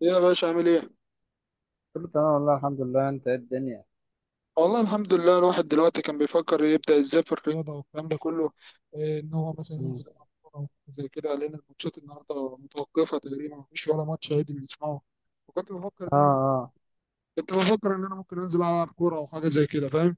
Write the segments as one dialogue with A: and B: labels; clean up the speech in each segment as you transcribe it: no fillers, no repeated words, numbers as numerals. A: يا باشا عامل ايه؟
B: كله تمام والله الحمد لله، انت ايه الدنيا؟
A: والله الحمد لله. الواحد دلوقتي كان بيفكر يبدأ ازاي في الرياضة والكلام ده كله. إيه ان هو مثلا ينزل
B: مم.
A: يلعب كورة وحاجات زي كده، لأن الماتشات النهاردة متوقفة تقريبا، مفيش ولا ماتش عادي بنسمعه. وكنت بفكر
B: اه.
A: ان انا
B: اه.
A: كنت بفكر ان انا ممكن انزل العب كورة او حاجة زي كده، فاهم؟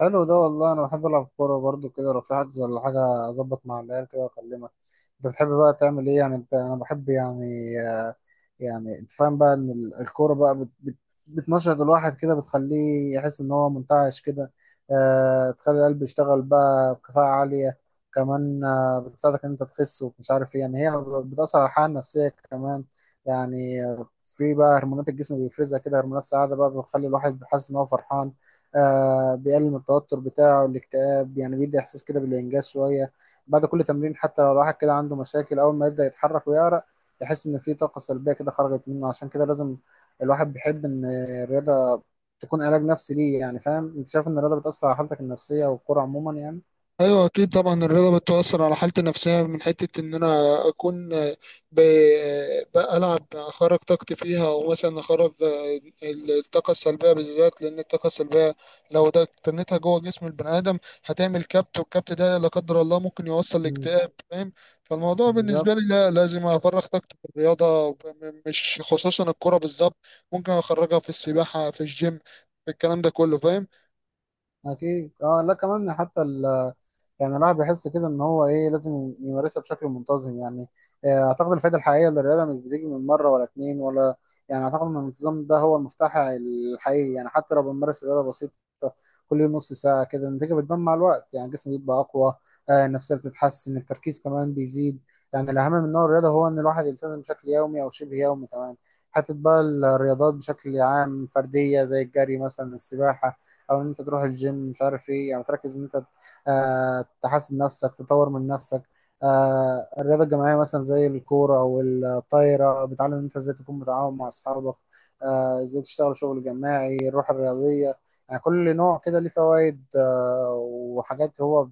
B: حلو ده والله، انا بحب العب كوره برضو كده. لو في حجز ولا حاجه اظبط مع العيال كده واكلمك. انت بتحب بقى تعمل ايه يعني؟ انا بحب يعني يعني انت فاهم بقى ان الكوره بقى بت بت بتنشط الواحد كده، بتخليه يحس ان هو منتعش كده. آه، تخلي القلب يشتغل بقى بكفاءه عاليه. كمان آه، بتساعدك ان انت تخس ومش عارف ايه. يعني هي بتاثر على الحاله النفسيه كمان. يعني في بقى هرمونات الجسم بيفرزها كده، هرمونات سعاده بقى بتخلي الواحد بيحس ان هو فرحان. آه، بيقلل من التوتر بتاعه الاكتئاب، يعني بيدي احساس كده بالانجاز شويه بعد كل تمرين. حتى لو الواحد كده عنده مشاكل، اول ما يبدا يتحرك ويعرق يحس ان في طاقه سلبيه كده خرجت منه. عشان كده لازم الواحد بيحب ان الرياضه تكون علاج نفسي ليه، يعني فاهم؟ انت شايف ان الرياضه بتاثر على حالتك النفسيه والكوره عموما يعني؟
A: ايوه اكيد، طبعا الرياضه بتؤثر على حالتي النفسيه، من حته ان انا اكون ب... بلعب اخرج طاقتي فيها، ومثلا اخرج الطاقه السلبيه بالذات، لان الطاقه السلبيه لو ده اكتنتها جوه جسم البني ادم هتعمل كبت، والكبت ده لا قدر الله ممكن يوصل
B: مم.
A: لاكتئاب، فاهم. فالموضوع
B: بالظبط.
A: بالنسبه لي، لا، لازم افرغ طاقتي في الرياضه، مش خصوصا الكره بالظبط، ممكن اخرجها في السباحه، في الجيم، في الكلام ده كله، فاهم.
B: اكيد. اه لا، كمان حتى يعني الواحد بيحس كده ان هو ايه، لازم يمارسها بشكل منتظم يعني. آه، اعتقد الفائده الحقيقيه للرياضه مش بتيجي من مره ولا اتنين ولا يعني. اعتقد ان الانتظام ده هو المفتاح الحقيقي، يعني حتى لو بنمارس رياضه بسيطه كل يوم نص ساعه كده النتيجه بتبان مع الوقت. يعني الجسم بيبقى اقوى، آه، النفسيه بتتحسن، التركيز كمان بيزيد. يعني الاهم من نوع الرياضه هو ان الواحد يلتزم بشكل يومي او شبه يومي. كمان حتى بقى الرياضات بشكل عام فرديه زي الجري مثلا، السباحه، او ان انت تروح الجيم مش عارف ايه، يعني تركز ان انت آه تحسن نفسك تطور من نفسك. آه، الرياضه الجماعيه مثلا زي الكوره او الطايره بتعلم ان انت ازاي تكون متعاون مع اصحابك، آه ازاي تشتغل شغل جماعي، الروح الرياضيه. يعني كل نوع كده ليه فوائد آه وحاجات هو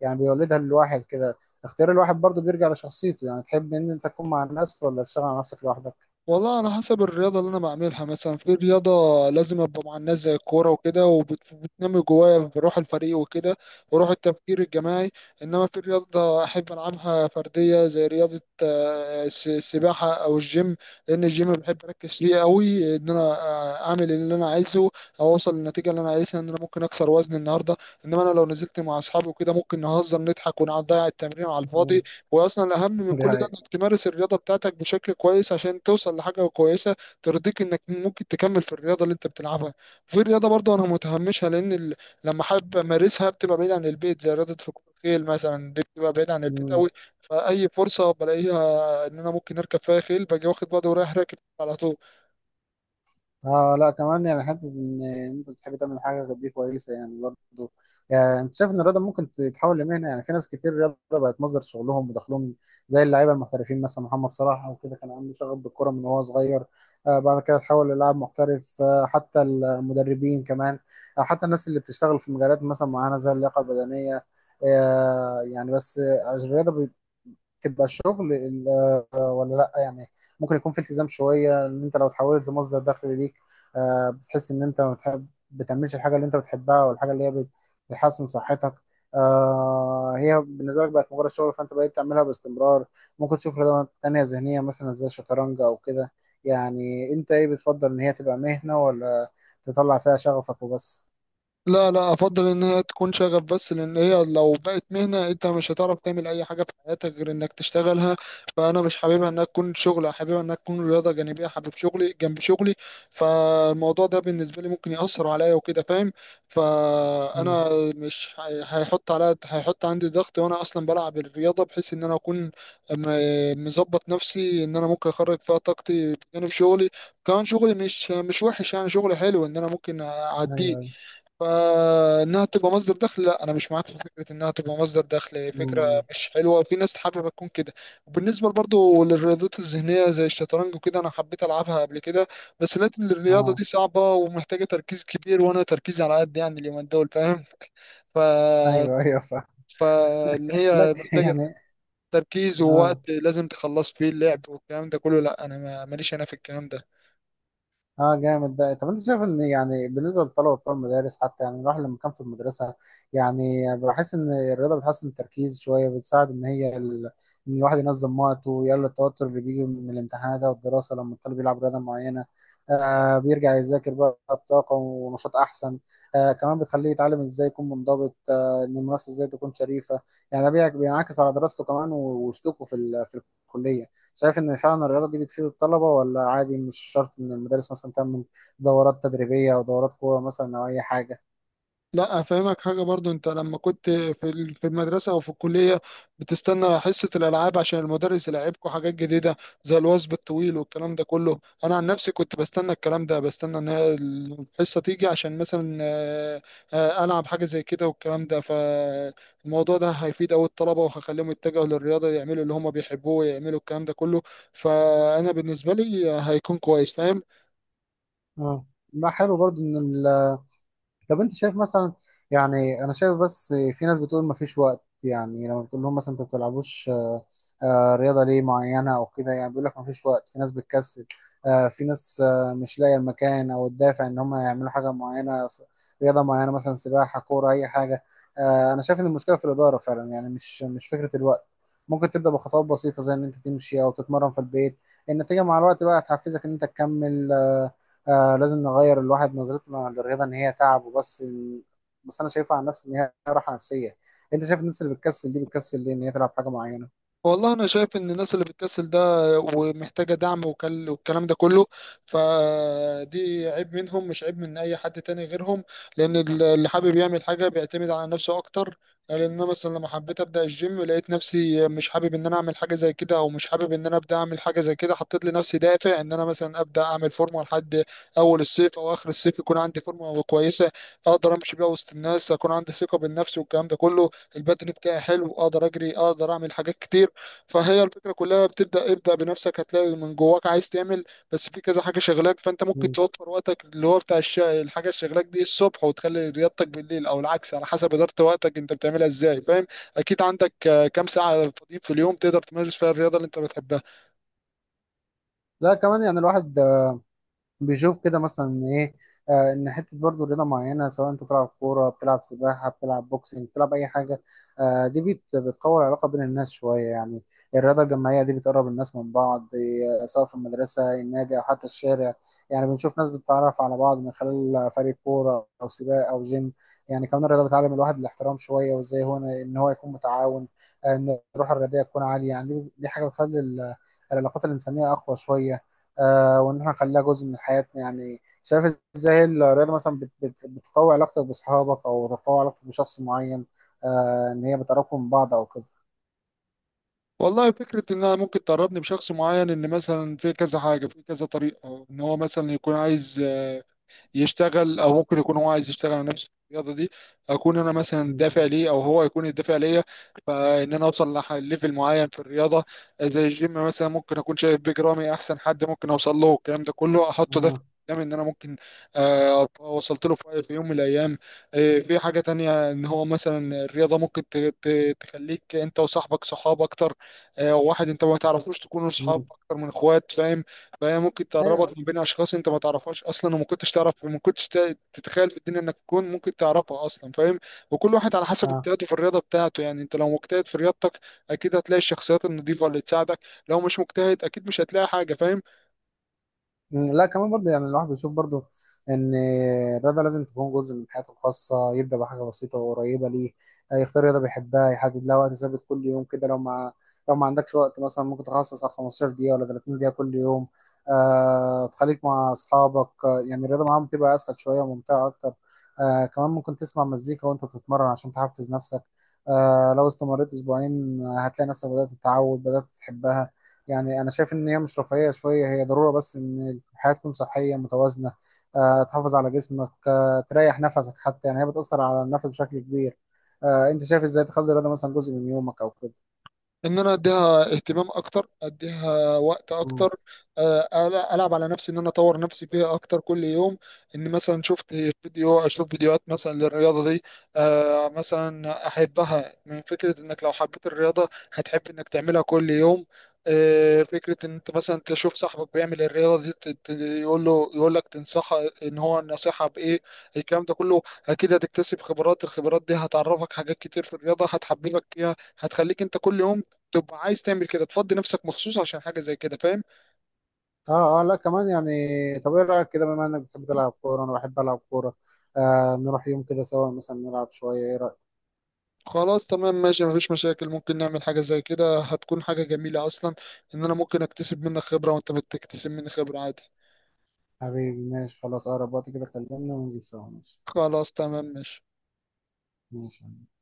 B: يعني بيولدها للواحد كده. اختيار الواحد برضو بيرجع لشخصيته، يعني تحب ان انت تكون مع الناس ولا تشتغل على نفسك لوحدك.
A: والله على حسب الرياضة اللي أنا بعملها. مثلا في رياضة لازم أبقى مع الناس زي الكورة وكده، وبتنمي جوايا بروح الفريق وكده، وروح التفكير الجماعي. إنما في رياضة أحب ألعبها فردية زي رياضة السباحة أو الجيم، لأن الجيم بحب أركز فيه أوي، إن أنا أعمل اللي أنا عايزه، أو أوصل للنتيجة اللي أنا عايزها، إن أنا ممكن أكسر وزن النهاردة. إنما أنا لو نزلت مع أصحابي وكده ممكن نهزر نضحك ونقعد نضيع التمرين على
B: مم.
A: الفاضي. واصلا الاهم من
B: دي
A: كل ده
B: حقيقة.
A: انك تمارس الرياضه بتاعتك بشكل كويس، عشان توصل لحاجه كويسه ترضيك، انك ممكن تكمل في الرياضه اللي انت بتلعبها. في رياضه برضه انا متهمشها لان لما حابب امارسها بتبقى بعيد عن البيت، زي رياضه ركوب الخيل مثلا، دي بتبقى بعيد عن البيت
B: مم.
A: قوي. فاي فرصه بلاقيها ان انا ممكن اركب فيها خيل باجي واخد بعضي ورايح راكب على طول.
B: اه. لا كمان يعني حته ان انت بتحب تعمل حاجه، دي كويسه يعني برضه. يعني انت شايف ان الرياضه ممكن تتحول لمهنه؟ يعني في ناس كتير الرياضه بقت مصدر شغلهم ودخلهم، زي اللعيبه المحترفين مثلا محمد صلاح او كده كان عنده شغف بالكره من وهو صغير، آه بعد كده اتحول للاعب محترف. آه حتى المدربين كمان، آه حتى الناس اللي بتشتغل في مجالات مثلا معينه زي اللياقه البدنيه. آه يعني بس الرياضه تبقى الشغل آه، ولا لا يعني؟ ممكن يكون في التزام شويه ان انت لو تحولت لمصدر دخل ليك، آه، بتحس ان انت ما بتحب بتعملش الحاجه اللي انت بتحبها، والحاجه اللي هي بتحسن صحتك آه، هي بالنسبه لك بقت مجرد شغل، فانت بقيت تعملها باستمرار. ممكن تشوف رياضه تانيه ذهنيه مثلا زي الشطرنج او كده. يعني انت ايه، بتفضل ان هي تبقى مهنه ولا تطلع فيها شغفك وبس؟
A: لا لا، افضل ان هي تكون شغف بس، لان هي لو بقت مهنه انت مش هتعرف تعمل اي حاجه في حياتك غير انك تشتغلها. فانا مش حاببها انها تكون شغل، حاببها انها تكون رياضه جانبيه، حابب شغلي جنب شغلي. فالموضوع ده بالنسبه لي ممكن ياثر عليا وكده، فاهم.
B: مم.
A: فانا مش هي- هيحط عليا، هيحط عندي ضغط، وانا اصلا بلعب الرياضه بحيث ان انا اكون مظبط نفسي ان انا ممكن اخرج فيها طاقتي بجانب شغلي. كمان شغلي مش وحش يعني، شغلي حلو ان انا ممكن
B: ايوه
A: اعديه.
B: ايوه.
A: فانها تبقى مصدر دخل، لا، انا مش معاك في فكره انها تبقى مصدر دخل. فكره
B: مم.
A: مش حلوه، في ناس حابه تكون كده. وبالنسبه برضو للرياضات الذهنيه زي الشطرنج وكده، انا حبيت العبها قبل كده، بس لقيت ان الرياضه
B: اه.
A: دي صعبه ومحتاجه تركيز كبير، وانا تركيزي على قد يعني اليومين دول، فاهم. ف
B: ايوه ايوه فاهم
A: فاللي
B: لك
A: هي محتاجه
B: يعني.
A: تركيز
B: اه.
A: ووقت لازم تخلص فيه اللعب والكلام ده كله، لا انا ماليش انا في الكلام ده.
B: اه جامد ده. طب انت شايف ان يعني بالنسبه للطلبه بتوع المدارس حتى، يعني الواحد لما كان في المدرسه يعني بحس ان الرياضه بتحسن التركيز شويه، بتساعد ان هي ان الواحد ينظم وقته ويقلل التوتر اللي بيجي من الامتحانات او الدراسه. لما الطالب يلعب رياضه معينه آه بيرجع يذاكر بقى بطاقه ونشاط احسن. آه كمان بتخليه يتعلم ازاي يكون منضبط، آه ان المنافسه ازاي تكون شريفه. يعني ده بينعكس على دراسته كمان وسلوكه في في الكليه. شايف ان فعلا الرياضه دي بتفيد الطلبه ولا عادي، مش شرط ان المدارس مثلا تعمل دورات تدريبيه او دورات قوه مثلا او اي حاجه؟
A: لا، افهمك حاجه برضو، انت لما كنت في المدرسه او في الكليه بتستنى حصه الالعاب عشان المدرس يلعبكم حاجات جديده زي الوثب الطويل والكلام ده كله. انا عن نفسي كنت بستنى الكلام ده، بستنى ان هي الحصه تيجي عشان مثلا العب حاجه زي كده والكلام ده. فالموضوع ده هيفيد أوي الطلبه وهخليهم يتجهوا للرياضه، يعملوا اللي هم بيحبوه ويعملوا الكلام ده كله. فانا بالنسبه لي هيكون كويس، فاهم.
B: اه، ما حلو برضو ان، طب انت شايف مثلا، يعني انا شايف بس في ناس بتقول ما فيش وقت. يعني لما بتقول لهم مثلا انت ما بتلعبوش رياضه ليه معينه او كده، يعني بيقول لك ما فيش وقت. في ناس بتكسل آه، في ناس آه، مش لاقيه المكان او الدافع ان هم يعملوا حاجه معينه، رياضه معينه مثلا سباحه كوره اي حاجه. آه، انا شايف ان المشكله في الاداره فعلا يعني، مش فكره الوقت. ممكن تبدا بخطوات بسيطه زي ان انت تمشي او تتمرن في البيت. النتيجه مع الوقت بقى هتحفزك ان انت تكمل. لازم نغير الواحد نظرته للرياضه ان هي تعب وبس. بس انا شايفها عن نفسي ان هي راحه نفسيه. انت شايف الناس اللي بتكسل دي بتكسل ليه ان هي تلعب حاجه معينه؟
A: والله انا شايف ان الناس اللي بتكسل ده ومحتاجه دعم والكلام ده كله، فدي عيب منهم، مش عيب من اي حد تاني غيرهم. لان اللي حابب يعمل حاجه بيعتمد على نفسه اكتر. لان انا مثلا لما حبيت ابدا الجيم لقيت نفسي مش حابب ان انا اعمل حاجه زي كده، او مش حابب ان انا ابدا اعمل حاجه زي كده، حطيت لنفسي دافع ان انا مثلا ابدا اعمل فورمه لحد اول الصيف او اخر الصيف، يكون عندي فورمه كويسه اقدر امشي بيها وسط الناس، اكون عندي ثقه بالنفس والكلام ده كله، البدن بتاعي حلو، اقدر اجري، اقدر اعمل حاجات كتير. فهي الفكرة كلها بتبدأ، ابدأ بنفسك هتلاقي من جواك عايز تعمل. بس في كذا حاجة شغلاك، فأنت ممكن
B: مم.
A: توفر وقتك اللي هو بتاع الحاجة اللي شغلاك دي الصبح، وتخلي رياضتك بالليل، أو العكس، على حسب إدارة وقتك أنت بتعملها إزاي، فاهم. أكيد عندك كام ساعة فاضيين في اليوم تقدر تمارس فيها الرياضة اللي أنت بتحبها.
B: لا كمان يعني الواحد بيشوف كده مثلا ايه، آه ان حته برضو رياضه معينه سواء انت بتلعب كوره بتلعب سباحه بتلعب بوكسنج بتلعب اي حاجه، آه دي بتقوي العلاقه بين الناس شويه يعني. الرياضه الجماعيه دي بتقرب الناس من بعض آه، سواء في المدرسه النادي او حتى الشارع. يعني بنشوف ناس بتتعرف على بعض من خلال فريق كوره او سباق او جيم. يعني كمان الرياضه بتعلم الواحد الاحترام شويه، وازاي هو ان هو يكون متعاون آه، ان الروح الرياضيه تكون عاليه. يعني دي حاجه بتخلي العلاقات الانسانيه اقوى شويه. آه، وان احنا نخليها جزء من حياتنا. يعني شايف ازاي الرياضه مثلا بت بت بتقوي علاقتك باصحابك او تقوي علاقتك بشخص معين، آه ان هي بتقربكم من بعض او كده؟
A: والله فكرة إن أنا ممكن تقربني بشخص معين، إن مثلا في كذا حاجة، في كذا طريقة، إن هو مثلا يكون عايز يشتغل، او ممكن يكون هو عايز يشتغل على نفسه في الرياضه دي، اكون انا مثلا
B: مم.
A: الدافع ليه، او هو يكون الدافع ليا. فان انا اوصل لليفل معين في الرياضه زي الجيم مثلا، ممكن اكون شايف بيج رامي احسن حد ممكن اوصل له، الكلام ده كله، احطه دافع
B: مم.
A: قدامي ان انا ممكن ابقى وصلت له في يوم من الايام. في حاجه تانية، ان هو مثلا الرياضه ممكن تخليك انت وصاحبك صحاب اكتر. واحد انت ما تعرفوش تكونوا صحاب
B: مم.
A: اكتر من اخوات، فاهم. فهي ممكن
B: ايوه.
A: تقربك من بين اشخاص انت ما تعرفهاش اصلا وما كنتش تعرف وما كنتش تتخيل في الدنيا انك تكون ممكن تعرفها اصلا، فاهم. وكل واحد على حسب
B: اه.
A: اجتهاده في الرياضه بتاعته، يعني انت لو مجتهد في رياضتك اكيد هتلاقي الشخصيات النظيفه اللي تساعدك، لو مش مجتهد اكيد مش هتلاقي حاجه، فاهم.
B: مم، لا كمان برضه يعني الواحد بيشوف برضه ان الرياضه لازم تكون جزء من حياته الخاصه. يبدا بحاجه بسيطه وقريبه ليه، آه، يختار رياضه بيحبها، يحدد لها وقت ثابت كل يوم كده. لو ما عندكش وقت مثلا ممكن تخصص على 15 دقيقه ولا 30 دقيقه كل يوم. آه تخليك مع اصحابك، آه، يعني الرياضه معاهم بتبقى اسهل شويه وممتعه اكتر. آه كمان ممكن تسمع مزيكا وانت بتتمرن عشان تحفز نفسك. آه لو استمريت اسبوعين آه، هتلاقي نفسك تتعود بدات تحبها. يعني انا شايف ان هي مش رفاهيه شويه، هي ضروره بس ان الحياه تكون صحيه متوازنه. آه، تحافظ على جسمك آه، تريح نفسك حتى، يعني هي بتاثر على النفس بشكل كبير. آه، انت شايف ازاي تخلي الرياضه مثلا جزء من يومك او كده؟
A: ان انا اديها اهتمام اكتر، اديها وقت
B: مم.
A: اكتر، العب على نفسي ان انا اطور نفسي فيها اكتر كل يوم. ان مثلا شفت فيديو اشوف فيديوهات مثلا للرياضه دي، مثلا احبها، من فكره انك لو حبيت الرياضه هتحب انك تعملها كل يوم. فكره ان انت مثلا تشوف صاحبك بيعمل الرياضه دي، يقول لك تنصحه ان هو النصيحه بايه، الكلام ده كله. اكيد هتكتسب خبرات، الخبرات دي هتعرفك حاجات كتير في الرياضه، هتحببك فيها، هتخليك انت كل يوم تبقى عايز تعمل كده، تفضي نفسك مخصوص عشان حاجة زي كده، فاهم.
B: اه. اه لا كمان يعني، طب ايه رايك كده، بما انك بتحب تلعب كوره انا بحب العب كوره، آه نروح يوم كده سوا مثلا نلعب شويه؟ ايه رايك؟
A: خلاص تمام ماشي، مفيش مشاكل، ممكن نعمل حاجة زي كده، هتكون حاجة جميلة أصلا، إن أنا ممكن أكتسب منك خبرة وأنت بتكتسب مني خبرة عادي.
B: حبيبي ماشي خلاص، اقرب وقت كده كلمني وننزل سوا. ماشي.
A: خلاص تمام ماشي.
B: ماشي.